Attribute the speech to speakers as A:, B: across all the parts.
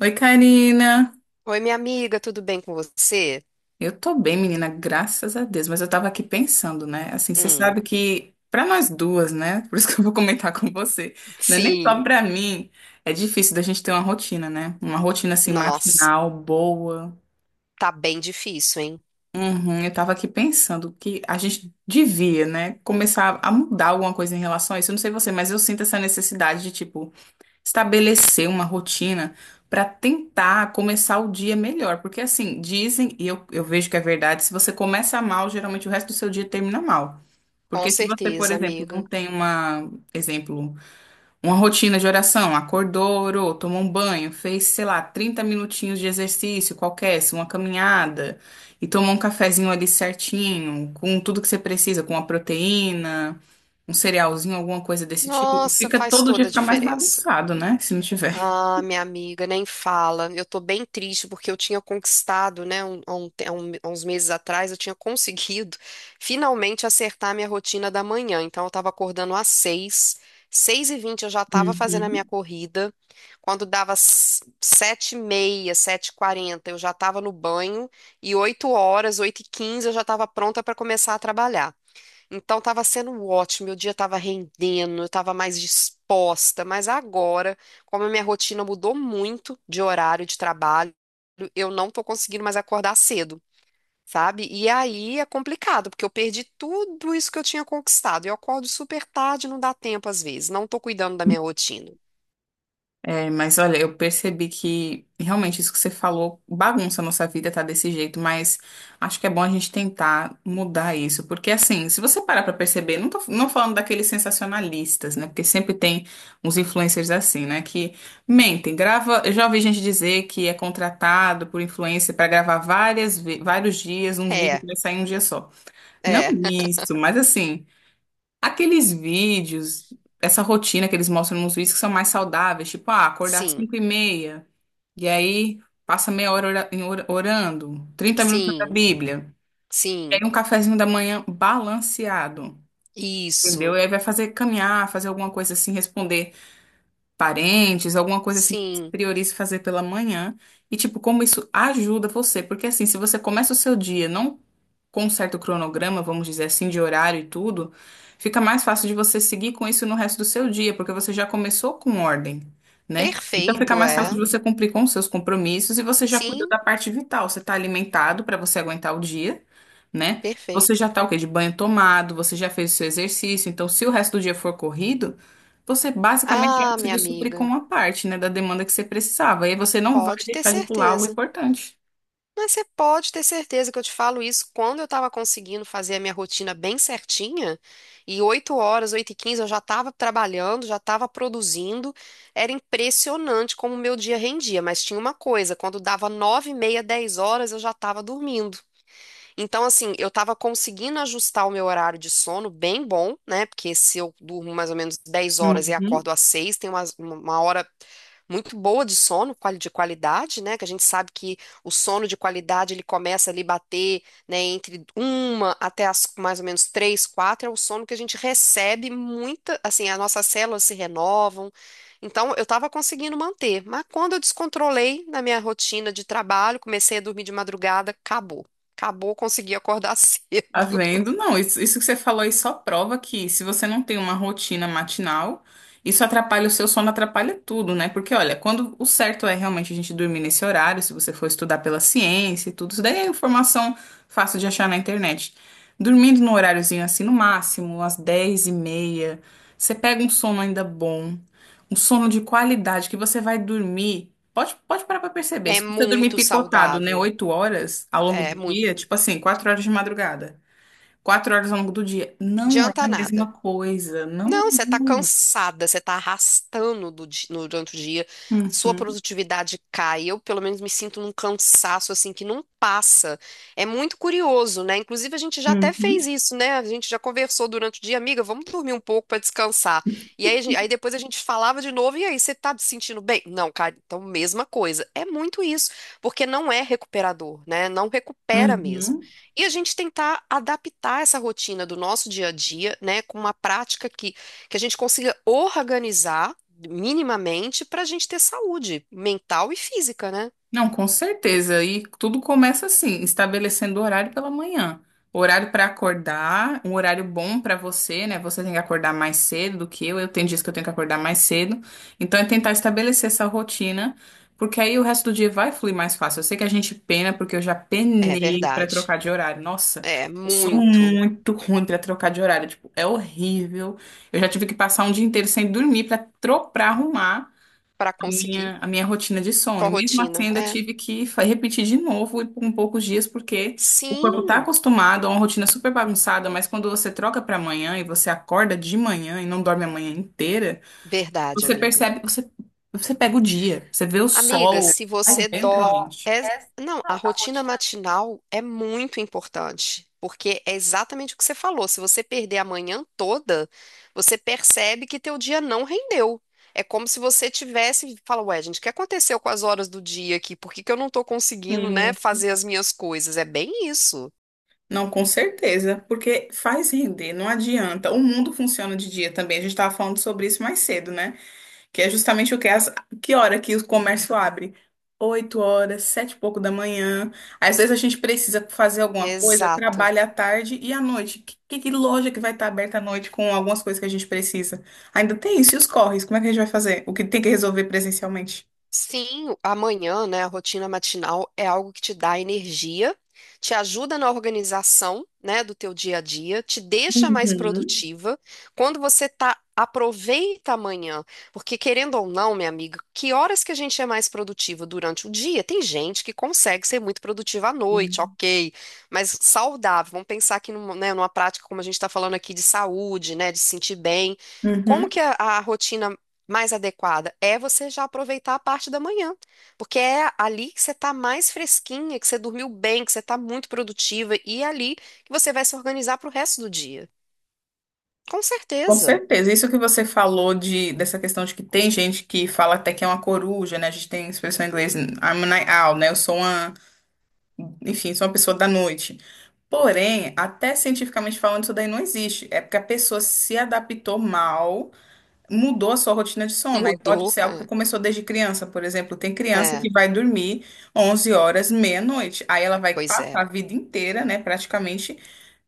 A: Oi, Karina.
B: Oi, minha amiga, tudo bem com você?
A: Eu tô bem, menina, graças a Deus, mas eu tava aqui pensando, né? Assim, você
B: Hum,
A: sabe que pra nós duas, né? Por isso que eu vou comentar com você, não é nem
B: sim.
A: só pra mim, é difícil da gente ter uma rotina, né? Uma rotina assim
B: Nossa,
A: matinal boa.
B: tá bem difícil, hein?
A: Uhum, eu tava aqui pensando que a gente devia, né, começar a mudar alguma coisa em relação a isso. Eu não sei você, mas eu sinto essa necessidade de tipo estabelecer uma rotina para tentar começar o dia melhor. Porque assim, dizem, e eu vejo que é verdade, se você começa mal, geralmente o resto do seu dia termina mal.
B: Com
A: Porque se você, por
B: certeza,
A: exemplo, não
B: amiga.
A: tem uma, exemplo, uma rotina de oração, acordou, orou, tomou um banho, fez, sei lá, 30 minutinhos de exercício qualquer, se uma caminhada, e tomou um cafezinho ali certinho, com tudo que você precisa, com uma proteína, um cerealzinho, alguma coisa desse tipo.
B: Nossa,
A: Fica
B: faz
A: todo dia
B: toda a
A: fica mais
B: diferença.
A: bagunçado, né? Se não tiver.
B: Ah, minha amiga, nem fala. Eu tô bem triste porque eu tinha conquistado, né, um- há um te- há um- há uns meses atrás, eu tinha conseguido finalmente acertar a minha rotina da manhã. Então, eu tava acordando às 6h, 6h20 eu já tava fazendo a minha
A: Uhum.
B: corrida. Quando dava 7h30, 7h40, eu já tava no banho e 8h, 8h15, eu já tava pronta para começar a trabalhar. Então estava sendo ótimo, meu dia estava rendendo, eu estava mais disposta, mas agora, como a minha rotina mudou muito de horário de trabalho, eu não tô conseguindo mais acordar cedo, sabe? E aí é complicado, porque eu perdi tudo isso que eu tinha conquistado. Eu acordo super tarde, não dá tempo às vezes, não tô cuidando da minha rotina.
A: É, mas olha, eu percebi que realmente isso que você falou bagunça a nossa vida, tá desse jeito, mas acho que é bom a gente tentar mudar isso, porque assim, se você parar pra perceber, não tô não falando daqueles sensacionalistas, né? Porque sempre tem uns influencers assim, né? Que mentem, grava. Eu já ouvi gente dizer que é contratado por influencer pra gravar vários dias um vídeo
B: É,
A: que vai sair em um dia só. Não
B: é,
A: isso, mas assim. Aqueles vídeos, essa rotina que eles mostram nos vídeos que são mais saudáveis, tipo, ah, acordar às
B: sim,
A: 5 e meia, e aí passa 1/2 hora orando, 30 minutos da
B: sim,
A: Bíblia, e aí
B: sim,
A: um cafezinho da manhã balanceado, entendeu?
B: isso,
A: E aí vai fazer caminhar, fazer alguma coisa assim, responder parentes, alguma coisa assim que você
B: sim,
A: priorize fazer pela manhã, e tipo, como isso ajuda você, porque assim, se você começa o seu dia, não com um certo cronograma, vamos dizer assim, de horário e tudo, fica mais fácil de você seguir com isso no resto do seu dia, porque você já começou com ordem, né? Então fica
B: perfeito,
A: mais fácil de
B: é,
A: você cumprir com os seus compromissos e você já cuidou
B: sim,
A: da parte vital. Você está alimentado para você aguentar o dia, né? Você
B: perfeito.
A: já está o quê? De banho tomado, você já fez o seu exercício. Então, se o resto do dia for corrido, você basicamente já
B: Ah, minha
A: conseguiu suprir com
B: amiga.
A: uma parte, né, da demanda que você precisava. E aí você não vai
B: Pode ter
A: deixar de pular algo
B: certeza.
A: importante.
B: Mas você pode ter certeza que eu te falo isso quando eu estava conseguindo fazer a minha rotina bem certinha, e 8h, 8h15, eu já estava trabalhando, já estava produzindo. Era impressionante como o meu dia rendia, mas tinha uma coisa, quando dava 9h30, 10h eu já estava dormindo. Então, assim, eu tava conseguindo ajustar o meu horário de sono bem bom, né? Porque se eu durmo mais ou menos 10 horas e acordo às 6h, tem uma hora muito boa de sono, de qualidade, né? Que a gente sabe que o sono de qualidade ele começa ali bater, né, entre uma até as mais ou menos três, quatro, é o sono que a gente recebe muita, assim, as nossas células se renovam. Então, eu estava conseguindo manter, mas quando eu descontrolei na minha rotina de trabalho, comecei a dormir de madrugada, acabou. Acabou, consegui acordar
A: Tá
B: cedo.
A: vendo? Não, isso que você falou aí só prova que se você não tem uma rotina matinal, isso atrapalha o seu sono, atrapalha tudo, né? Porque olha, quando o certo é realmente a gente dormir nesse horário, se você for estudar pela ciência e tudo, isso daí é informação fácil de achar na internet. Dormindo num horáriozinho assim, no máximo, às 10 e meia, você pega um sono ainda bom, um sono de qualidade que você vai dormir. Pode, pode parar pra perceber.
B: É
A: Se você dormir
B: muito
A: picotado, né,
B: saudável.
A: 8 horas ao longo
B: É
A: do
B: muito.
A: dia, tipo assim, 4 horas de madrugada. 4 horas ao longo do dia. Não é
B: Adianta
A: a
B: nada.
A: mesma coisa. Não
B: Não, você tá
A: é.
B: cansada, você tá arrastando do di- no- durante o dia, sua
A: Uhum,
B: produtividade cai. Eu, pelo menos, me sinto num cansaço assim que não passa. É muito curioso, né? Inclusive, a gente já até fez
A: uhum,
B: isso, né? A gente já conversou durante o dia, amiga, vamos dormir um pouco pra descansar. E aí, aí depois a gente falava de novo, e aí, você tá se sentindo bem? Não, cara, então mesma coisa. É muito isso, porque não é recuperador, né? Não recupera mesmo.
A: uhum.
B: E a gente tentar adaptar essa rotina do nosso dia a dia, né, com uma prática que a gente consiga organizar minimamente para a gente ter saúde mental e física, né?
A: Não, com certeza. E tudo começa assim, estabelecendo horário pela manhã. Horário para acordar, um horário bom para você, né? Você tem que acordar mais cedo do que eu. Eu tenho dias que eu tenho que acordar mais cedo. Então é tentar estabelecer essa rotina, porque aí o resto do dia vai fluir mais fácil. Eu sei que a gente pena, porque eu já
B: É
A: penei para
B: verdade.
A: trocar de horário. Nossa,
B: É
A: eu sou
B: muito
A: muito ruim para trocar de horário. Tipo, é horrível. Eu já tive que passar um dia inteiro sem dormir para arrumar
B: para
A: a
B: conseguir
A: minha, a minha rotina de sono.
B: tua
A: E mesmo assim,
B: rotina.
A: ainda
B: É.
A: tive que repetir de novo e por um poucos dias, porque o corpo está
B: Sim,
A: acostumado a uma rotina super bagunçada, mas quando você troca para amanhã e você acorda de manhã e não dorme a manhã inteira,
B: verdade,
A: você
B: amiga.
A: percebe, você, você pega o dia, você vê o
B: Amiga,
A: sol,
B: se
A: faz
B: você
A: bem pra
B: dó,
A: gente.
B: é... não, a rotina matinal é muito importante, porque é exatamente o que você falou. Se você perder a manhã toda, você percebe que teu dia não rendeu. É como se você tivesse, fala, ué, gente, o que aconteceu com as horas do dia aqui? Por que que eu não tô conseguindo, né,
A: Sim.
B: fazer as minhas coisas? É bem isso.
A: Não, com certeza, porque faz render, não adianta. O mundo funciona de dia também. A gente estava falando sobre isso mais cedo, né? Que é justamente o que as, que hora que o comércio abre? 8 horas, sete e pouco da manhã. Às vezes a gente precisa fazer alguma coisa,
B: Exato.
A: trabalha à tarde e à noite. Que loja que vai estar aberta à noite com algumas coisas que a gente precisa? Ainda tem isso, e os corres? Como é que a gente vai fazer? O que tem que resolver presencialmente?
B: Sim, amanhã, né, a rotina matinal é algo que te dá energia, te ajuda na organização, né, do teu dia a dia, te deixa mais
A: Uhum.
B: produtiva. Quando você tá, aproveita amanhã, porque querendo ou não, minha amiga, que horas que a gente é mais produtiva durante o dia? Tem gente que consegue ser muito produtiva à noite, ok, mas saudável. Vamos pensar aqui numa, né, numa prática como a gente está falando aqui de saúde, né, de se sentir bem. Como
A: Uhum,
B: que a rotina mais adequada é você já aproveitar a parte da manhã, porque é ali que você está mais fresquinha, que você dormiu bem, que você está muito produtiva e é ali que você vai se organizar para o resto do dia. Com
A: com
B: certeza.
A: certeza. Isso que você falou de, dessa questão de que tem gente que fala até que é uma coruja, né? A gente tem expressão em inglês, I'm a night owl, né? Enfim, sou uma pessoa da noite. Porém, até cientificamente falando, isso daí não existe. É porque a pessoa se adaptou mal, mudou a sua rotina de sono. Aí pode
B: Mudou.
A: ser algo que
B: É,
A: começou desde criança, por exemplo. Tem criança
B: é,
A: que vai dormir 11 horas, meia-noite. Aí ela vai
B: pois
A: passar
B: é.
A: a vida inteira, né, praticamente,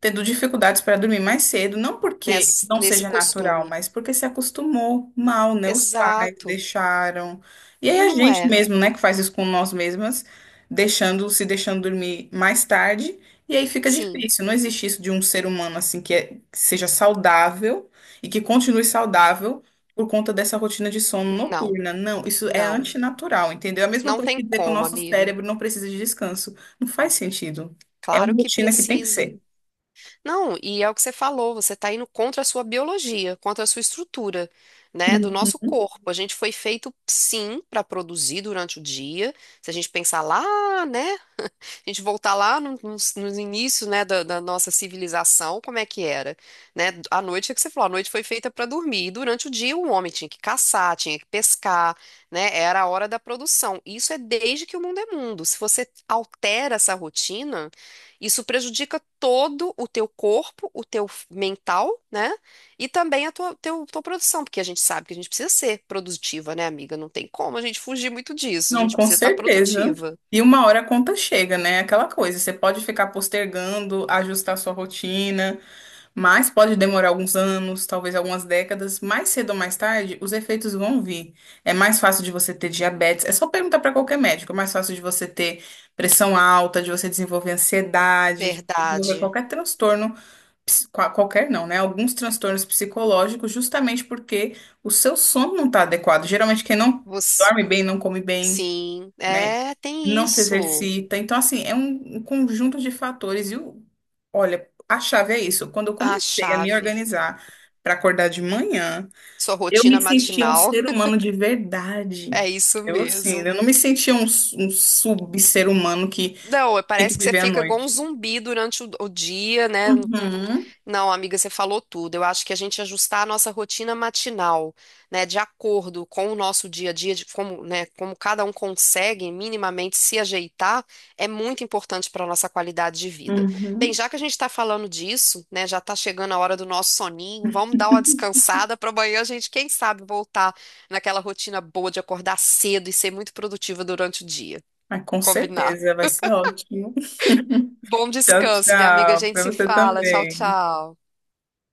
A: tendo dificuldades para dormir mais cedo. Não porque
B: Nesse,
A: não
B: nesse
A: seja natural,
B: costume.
A: mas porque se acostumou mal, né? Os pais
B: Exato.
A: deixaram. E aí
B: E
A: a
B: não
A: gente
B: é.
A: mesmo, né, que faz isso com nós mesmas, se deixando dormir mais tarde. E aí fica
B: Sim,
A: difícil, não existe isso de um ser humano assim que, que seja saudável e que continue saudável por conta dessa rotina de sono
B: não,
A: noturna. Não, isso é
B: não.
A: antinatural, entendeu? É a mesma
B: Não
A: coisa
B: tem
A: que dizer que o
B: como,
A: nosso
B: amiga.
A: cérebro não precisa de descanso. Não faz sentido. É
B: Claro
A: uma
B: que
A: rotina que tem que
B: precisa.
A: ser.
B: Não, e é o que você falou, você está indo contra a sua biologia, contra a sua estrutura, né, do nosso
A: Uhum.
B: corpo. A gente foi feito, sim, para produzir durante o dia. Se a gente pensar lá, né, a gente voltar lá nos inícios, né, da nossa civilização, como é que era, né? A noite é que você falou, a noite foi feita para dormir. E durante o dia o homem tinha que caçar, tinha que pescar, né? Era a hora da produção. Isso é desde que o mundo é mundo. Se você altera essa rotina, isso prejudica todo o teu corpo, o teu mental, né? E também a tua produção, porque a gente sabe que a gente precisa ser produtiva, né, amiga? Não tem como a gente fugir muito disso. A
A: Não,
B: gente
A: com
B: precisa estar
A: certeza.
B: produtiva.
A: E uma hora a conta chega, né? Aquela coisa, você pode ficar postergando, ajustar sua rotina, mas pode demorar alguns anos, talvez algumas décadas, mais cedo ou mais tarde, os efeitos vão vir. É mais fácil de você ter diabetes, é só perguntar para qualquer médico, é mais fácil de você ter pressão alta, de você desenvolver ansiedade, de você desenvolver
B: Verdade.
A: qualquer transtorno, qualquer não, né? Alguns transtornos psicológicos, justamente porque o seu sono não está adequado. Geralmente quem não
B: Você-
A: dorme bem, não come bem
B: Sim,
A: né?
B: é, tem
A: Não se
B: isso.
A: exercita. Então, assim, é um conjunto de fatores. E o, olha, a chave é isso. Quando eu
B: A
A: comecei a me
B: chave,
A: organizar para acordar de manhã,
B: sua
A: eu
B: rotina
A: me sentia um
B: matinal,
A: ser humano de verdade.
B: é isso
A: Eu, assim,
B: mesmo.
A: eu não me sentia um sub-ser humano que
B: Não,
A: tem que
B: parece que você
A: viver à
B: fica igual um
A: noite.
B: zumbi durante o dia, né?
A: Uhum,
B: Não, amiga, você falou tudo. Eu acho que a gente ajustar a nossa rotina matinal, né, de acordo com o nosso dia a dia, de como, né, como cada um consegue minimamente se ajeitar, é muito importante para a nossa qualidade de vida. Bem,
A: uhum.
B: já que a gente está falando disso, né, já está chegando a hora do nosso soninho, vamos dar uma descansada para amanhã a gente, quem sabe, voltar naquela rotina boa de acordar cedo e ser muito produtiva durante o dia.
A: Mas com
B: Combinar.
A: certeza vai ser ótimo.
B: Bom
A: Tchau,
B: descanso, minha amiga. A
A: tchau.
B: gente
A: Para
B: se
A: você
B: fala. Tchau,
A: também.
B: tchau.